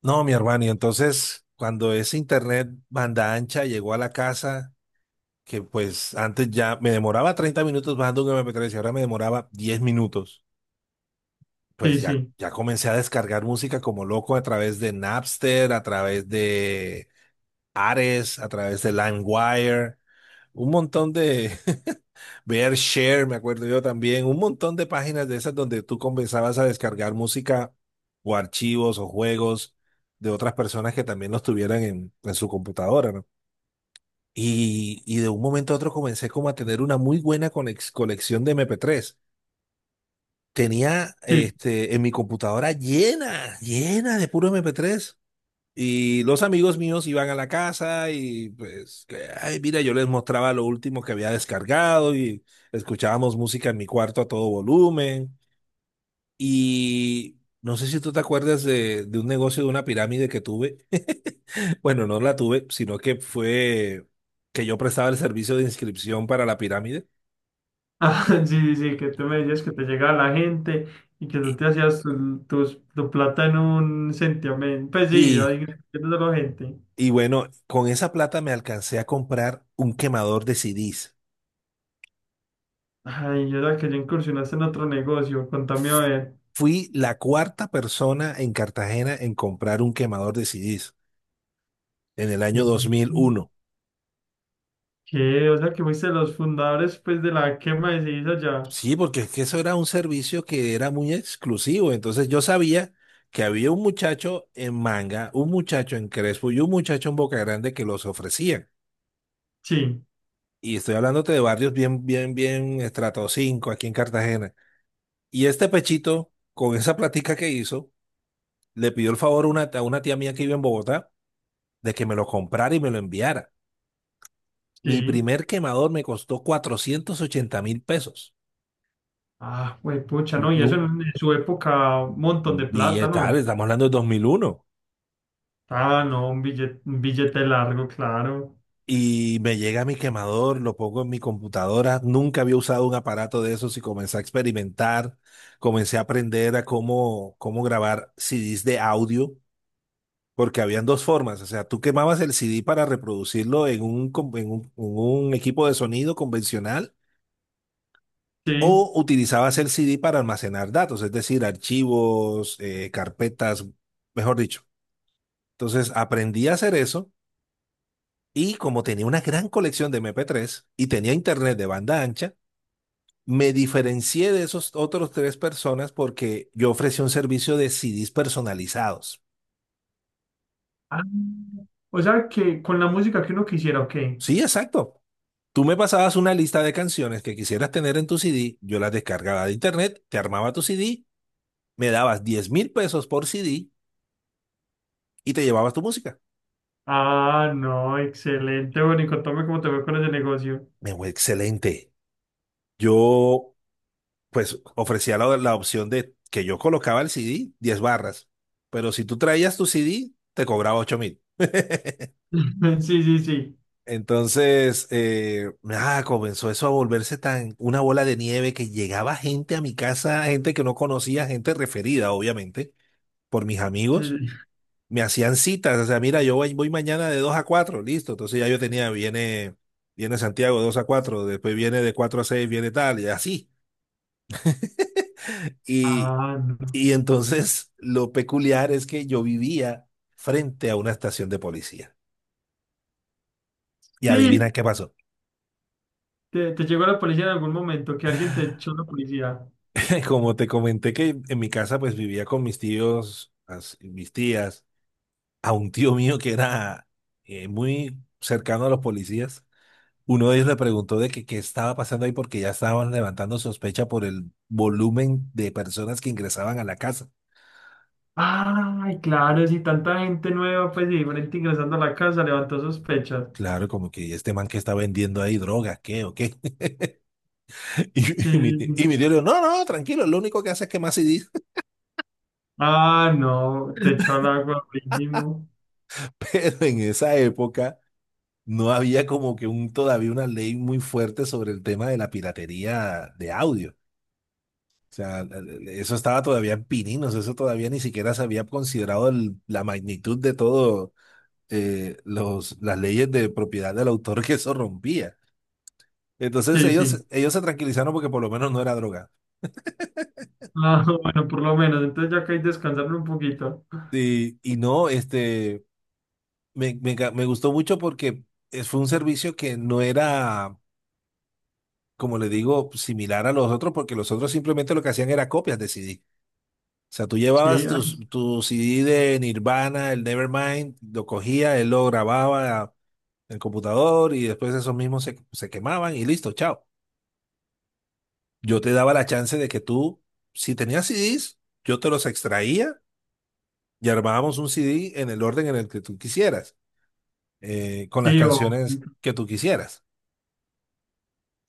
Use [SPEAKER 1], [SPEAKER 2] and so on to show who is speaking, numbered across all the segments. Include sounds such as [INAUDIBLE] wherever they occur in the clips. [SPEAKER 1] No, mi hermano, y entonces cuando ese internet banda ancha llegó a la casa, que pues antes ya me demoraba 30 minutos bajando un MP3 y ahora me demoraba 10 minutos,
[SPEAKER 2] Sí,
[SPEAKER 1] pues ya,
[SPEAKER 2] sí,
[SPEAKER 1] ya comencé a descargar música como loco a través de Napster, a través de Ares, a través de LimeWire, un montón de, Share, me acuerdo yo también, un montón de páginas de esas donde tú comenzabas a descargar música o archivos o juegos de otras personas que también los tuvieran en su computadora, ¿no? Y de un momento a otro comencé como a tener una muy buena colección de MP3. Tenía
[SPEAKER 2] sí.
[SPEAKER 1] en mi computadora llena, llena de puro MP3. Y los amigos míos iban a la casa y pues, que, ay, mira, yo les mostraba lo último que había descargado y escuchábamos música en mi cuarto a todo volumen. Y no sé si tú te acuerdas de un negocio de una pirámide que tuve. [LAUGHS] Bueno, no la tuve, sino que fue que yo prestaba el servicio de inscripción para la pirámide.
[SPEAKER 2] Ah, [LAUGHS] sí, sí, sí, que tú me decías que te llegaba la gente y que tú
[SPEAKER 1] Y,
[SPEAKER 2] te hacías tu plata en un sentimiento. Pues sí,
[SPEAKER 1] y,
[SPEAKER 2] ahí de la gente.
[SPEAKER 1] y bueno, con esa plata me alcancé a comprar un quemador de CDs.
[SPEAKER 2] Ay, yo era que ya incursionaste en otro negocio, contame a ver.
[SPEAKER 1] Fui la cuarta persona en Cartagena en comprar un quemador de CDs en el
[SPEAKER 2] ¿Qué?
[SPEAKER 1] año 2001.
[SPEAKER 2] ¿Qué? O sea, que fuiste de los fundadores, pues, de la quema de ceniza allá.
[SPEAKER 1] Sí, porque es que eso era un servicio que era muy exclusivo. Entonces yo sabía que había un muchacho en Manga, un muchacho en Crespo y un muchacho en Boca Grande que los ofrecían.
[SPEAKER 2] Sí,
[SPEAKER 1] Y estoy hablándote de barrios bien, bien, bien estrato 5 aquí en Cartagena. Y este pechito, con esa platica que hizo, le pidió el favor a una tía mía que vive en Bogotá de que me lo comprara y me lo enviara. Mi
[SPEAKER 2] sí.
[SPEAKER 1] primer quemador me costó 480.000 pesos.
[SPEAKER 2] Ah, güey, pucha, no, y eso en,
[SPEAKER 1] Nu-
[SPEAKER 2] en su época, un montón de plata,
[SPEAKER 1] Billetal,
[SPEAKER 2] ¿no?
[SPEAKER 1] estamos hablando de 2001.
[SPEAKER 2] Ah, no, un billete largo, claro.
[SPEAKER 1] Y me llega mi quemador, lo pongo en mi computadora. Nunca había usado un aparato de esos y comencé a experimentar. Comencé a aprender a cómo grabar CDs de audio, porque habían dos formas. O sea, tú quemabas el CD para reproducirlo en un, com- en un equipo de sonido convencional.
[SPEAKER 2] Sí.
[SPEAKER 1] O utilizabas el CD para almacenar datos, es decir, archivos, carpetas, mejor dicho. Entonces aprendí a hacer eso y como tenía una gran colección de MP3 y tenía internet de banda ancha, me diferencié de esos otros tres personas porque yo ofrecía un servicio de CDs personalizados.
[SPEAKER 2] Ah, o sea que con la música que uno quisiera, ok.
[SPEAKER 1] Sí, exacto. Tú me pasabas una lista de canciones que quisieras tener en tu CD, yo las descargaba de internet, te armaba tu CD, me dabas 10.000 pesos por CD y te llevabas tu música.
[SPEAKER 2] Ah, no, excelente. Bueno, y contame cómo te fue con ese negocio.
[SPEAKER 1] Me fue excelente. Yo, pues, ofrecía la, la opción de que yo colocaba el CD 10 barras, pero si tú traías tu CD, te cobraba 8.000. [LAUGHS]
[SPEAKER 2] [LAUGHS] Sí, sí, sí.
[SPEAKER 1] Entonces, nada, comenzó eso a volverse tan una bola de nieve que llegaba gente a mi casa, gente que no conocía, gente referida, obviamente, por mis
[SPEAKER 2] Sí,
[SPEAKER 1] amigos.
[SPEAKER 2] sí.
[SPEAKER 1] Me hacían citas, o sea, mira, yo voy, voy mañana de 2 a 4 listo. Entonces ya yo tenía, viene, viene Santiago de 2 a cuatro, después viene de 4 a seis, viene tal, y así. [LAUGHS] Y,
[SPEAKER 2] Ah, no.
[SPEAKER 1] y entonces lo peculiar es que yo vivía frente a una estación de policía. Y adivina
[SPEAKER 2] Sí,
[SPEAKER 1] qué pasó.
[SPEAKER 2] te llegó la policía en algún momento, que alguien te echó la policía.
[SPEAKER 1] [LAUGHS] Como te comenté que en mi casa pues vivía con mis tíos, mis tías, a un tío mío que era muy cercano a los policías. Uno de ellos le preguntó de que qué estaba pasando ahí porque ya estaban levantando sospecha por el volumen de personas que ingresaban a la casa.
[SPEAKER 2] Ay, claro, si tanta gente nueva, pues y diferente ingresando a la casa, levantó sospechas.
[SPEAKER 1] Claro, como que este man que está vendiendo ahí droga, ¿qué o qué? Y, y mi, tío-
[SPEAKER 2] Sí.
[SPEAKER 1] y mi tío le dijo, no, no, tranquilo, lo único que hace es quemar CDs.
[SPEAKER 2] Ah, no, te echó
[SPEAKER 1] [LAUGHS]
[SPEAKER 2] al agua, primo.
[SPEAKER 1] Pero en esa época no había como que un, todavía una ley muy fuerte sobre el tema de la piratería de audio. O sea, eso estaba todavía en pininos, eso todavía ni siquiera se había considerado la magnitud de todo las leyes de propiedad del autor que eso rompía. Entonces
[SPEAKER 2] Sí, sí.
[SPEAKER 1] ellos se tranquilizaron porque por lo menos no era droga.
[SPEAKER 2] Ah, [LAUGHS] bueno, por lo menos, entonces ya que hay descansar un poquito.
[SPEAKER 1] Y no, me gustó mucho porque fue un servicio que no era, como le digo, similar a los otros, porque los otros simplemente lo que hacían era copias de CD. O sea, tú
[SPEAKER 2] Sí,
[SPEAKER 1] llevabas tu CD de Nirvana, el Nevermind, lo cogía, él lo grababa en el computador y después esos mismos se quemaban y listo, chao. Yo te daba la chance de que tú, si tenías CDs, yo te los extraía y armábamos un CD en el orden en el que tú quisieras, con las
[SPEAKER 2] Sí,
[SPEAKER 1] canciones que tú quisieras.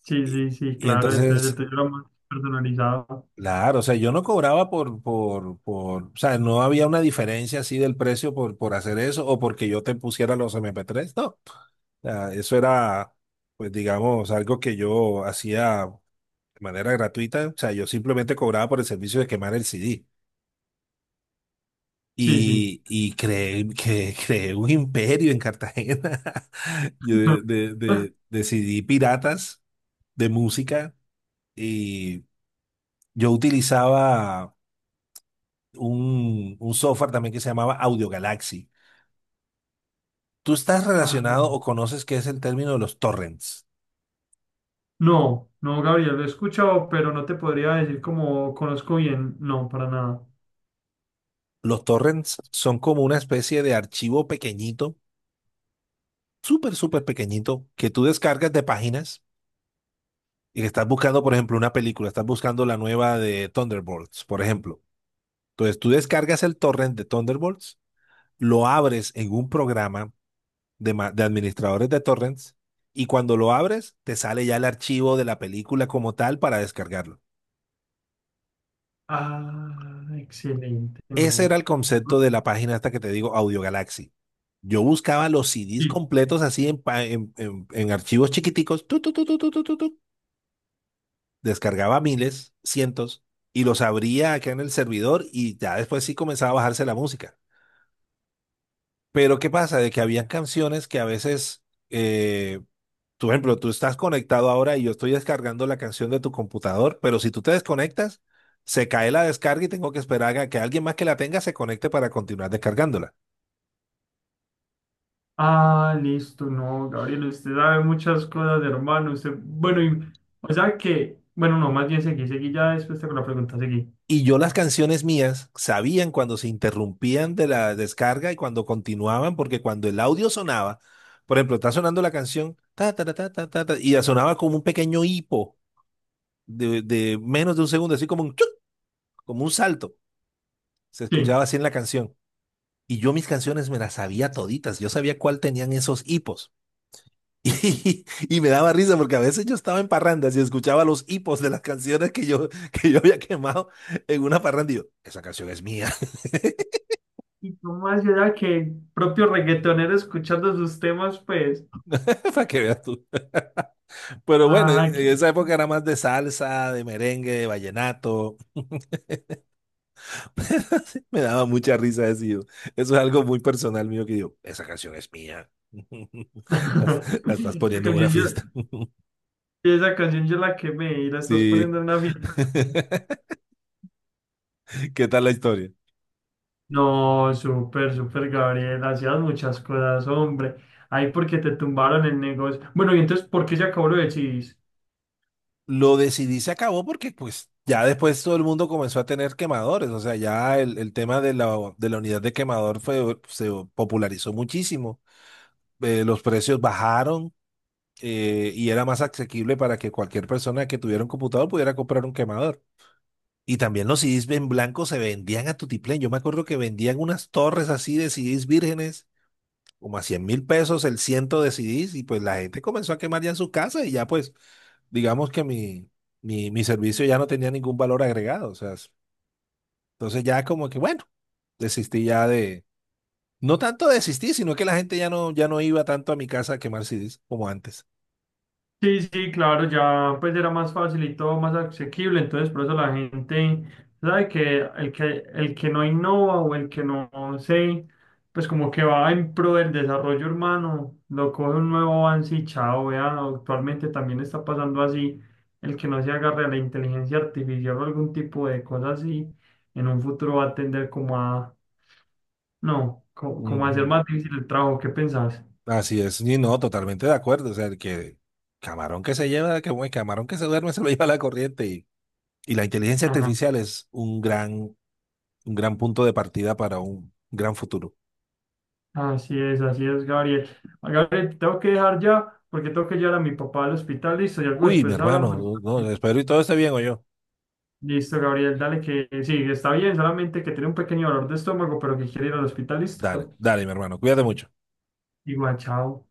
[SPEAKER 2] sí,
[SPEAKER 1] Y,
[SPEAKER 2] sí, sí,
[SPEAKER 1] y
[SPEAKER 2] claro, entonces el
[SPEAKER 1] entonces,
[SPEAKER 2] tuyo era más personalizado.
[SPEAKER 1] claro, o sea, yo no cobraba por, o sea, no había una diferencia así del precio por hacer eso o porque yo te pusiera los M P tres no. O sea, eso era, pues digamos, algo que yo hacía de manera gratuita, o sea, yo simplemente cobraba por el servicio de quemar el C D.
[SPEAKER 2] Sí, sí.
[SPEAKER 1] Y, y creé un imperio en Cartagena, [LAUGHS] yo de, de,
[SPEAKER 2] [LAUGHS]
[SPEAKER 1] de, de C D piratas de música y yo utilizaba un software también que se llamaba Audio Galaxy. ¿Tú estás
[SPEAKER 2] Ah,
[SPEAKER 1] relacionado
[SPEAKER 2] no.
[SPEAKER 1] o conoces qué es el término de los torrents?
[SPEAKER 2] No, no, Gabriel, lo he escuchado, pero no te podría decir como conozco bien. No, para nada.
[SPEAKER 1] Los torrents son como una especie de archivo pequeñito, súper, súper pequeñito, que tú descargas de páginas y que estás buscando, por ejemplo, una película, estás buscando la nueva de Thunderbolts, por ejemplo. Entonces tú descargas el torrent de Thunderbolts, lo abres en un programa de administradores de torrents y cuando lo abres te sale ya el archivo de la película como tal para descargarlo.
[SPEAKER 2] Ah, excelente,
[SPEAKER 1] Ese
[SPEAKER 2] no.
[SPEAKER 1] era el concepto de la página esta que te digo, Audio Galaxy. Yo buscaba los CDs
[SPEAKER 2] Sí.
[SPEAKER 1] completos así en, pa- en archivos chiquiticos, tu, tu, tu, tu, tu, tu, tu, tu. Descargaba miles, cientos, y los abría acá en el servidor y ya después sí comenzaba a bajarse la música. Pero ¿qué pasa? De que habían canciones que a veces, tú, por ejemplo, tú estás conectado ahora y yo estoy descargando la canción de tu computador, pero si tú te desconectas, se cae la descarga y tengo que esperar a que alguien más que la tenga se conecte para continuar descargándola.
[SPEAKER 2] Ah, listo, no, Gabriel, usted sabe muchas cosas, hermano. Usted, bueno, y- o sea que, bueno, no, más bien seguí, seguí ya después con la pregunta, seguí.
[SPEAKER 1] Y yo las canciones mías sabían cuando se interrumpían de la descarga y cuando continuaban, porque cuando el audio sonaba, por ejemplo, está sonando la canción, ta, ta, ta, ta, ta, ta, ta, y ya sonaba como un pequeño hipo de menos de un segundo, así como un chuc, como un salto. Se
[SPEAKER 2] Sí.
[SPEAKER 1] escuchaba así en la canción. Y yo mis canciones me las sabía toditas, yo sabía cuál tenían esos hipos. [LAUGHS] Y, y me daba risa porque a veces yo estaba en parrandas y escuchaba los hipos de las canciones que yo había quemado en una parranda y yo, esa canción es mía,
[SPEAKER 2] Y tú más allá que el propio reggaetonero escuchando sus temas, pues.
[SPEAKER 1] [LAUGHS] para que veas tú. Pero bueno, e,
[SPEAKER 2] Ah, qué-
[SPEAKER 1] en esa época era más de salsa, de merengue, de vallenato. [LAUGHS] Me daba mucha risa decir. Eso es algo muy personal mío que digo, esa canción es mía.
[SPEAKER 2] [LAUGHS]
[SPEAKER 1] [LAUGHS] La, la estás
[SPEAKER 2] Esa
[SPEAKER 1] poniendo en una
[SPEAKER 2] canción yo,
[SPEAKER 1] fiesta. [LAUGHS]
[SPEAKER 2] esa canción yo la quemé y la estás
[SPEAKER 1] Sí.
[SPEAKER 2] poniendo en una fiesta.
[SPEAKER 1] [LAUGHS] ¿Qué tal la historia?
[SPEAKER 2] No, súper, súper, Gabriel. Hacías muchas cosas, hombre. Ahí porque te tumbaron el negocio. Bueno, y entonces, ¿por qué se acabó lo de Chis?
[SPEAKER 1] Lo decidí, se acabó porque pues ya después todo el mundo comenzó a tener quemadores. O sea, ya el tema de la, unidad de quemador fue, se popularizó muchísimo. Los precios bajaron, y era más asequible para que cualquier persona que tuviera un computador pudiera comprar un quemador. Y también los CDs en blanco se vendían a tutiplén. Yo me acuerdo que vendían unas torres así de CDs vírgenes, como a 100.000 pesos el ciento de CDs, y pues la gente comenzó a quemar ya en su casa y ya pues digamos que mi servicio ya no tenía ningún valor agregado. O sea, entonces ya como que bueno, desistí ya de... No tanto desistí, sino que la gente ya no, iba tanto a mi casa a quemar CDs como antes.
[SPEAKER 2] Sí, sí, claro, ya pues era más fácil y todo más asequible, entonces por eso la gente sabe que el que no innova o el que no se pues como que va en pro del desarrollo urbano, lo coge un nuevo avance y chao, vea, actualmente también está pasando así, el que no se agarre a la inteligencia artificial o algún tipo de cosa así, en un futuro va a tender como a no, co- como, a hacer
[SPEAKER 1] Ujú.
[SPEAKER 2] más difícil el trabajo, ¿qué pensás?
[SPEAKER 1] Así es, y no, totalmente de acuerdo. O sea, el que camarón que se lleva, que el camarón que se duerme [LAUGHS] se lo lleva la corriente. Y la inteligencia artificial es un gran punto de partida para un gran futuro.
[SPEAKER 2] Así es, Gabriel. Gabriel, tengo que dejar ya porque tengo que llevar a mi papá al hospital. Listo, y algo
[SPEAKER 1] Uy, mi
[SPEAKER 2] después hablamos.
[SPEAKER 1] hermano, no, espero y todo esté bien, o yo.
[SPEAKER 2] Listo, Gabriel, dale que sí, está bien, solamente que tiene un pequeño dolor de estómago, pero que quiere ir al hospital.
[SPEAKER 1] Dale,
[SPEAKER 2] Listo.
[SPEAKER 1] dale, mi hermano, cuídate mucho.
[SPEAKER 2] Igual, chao.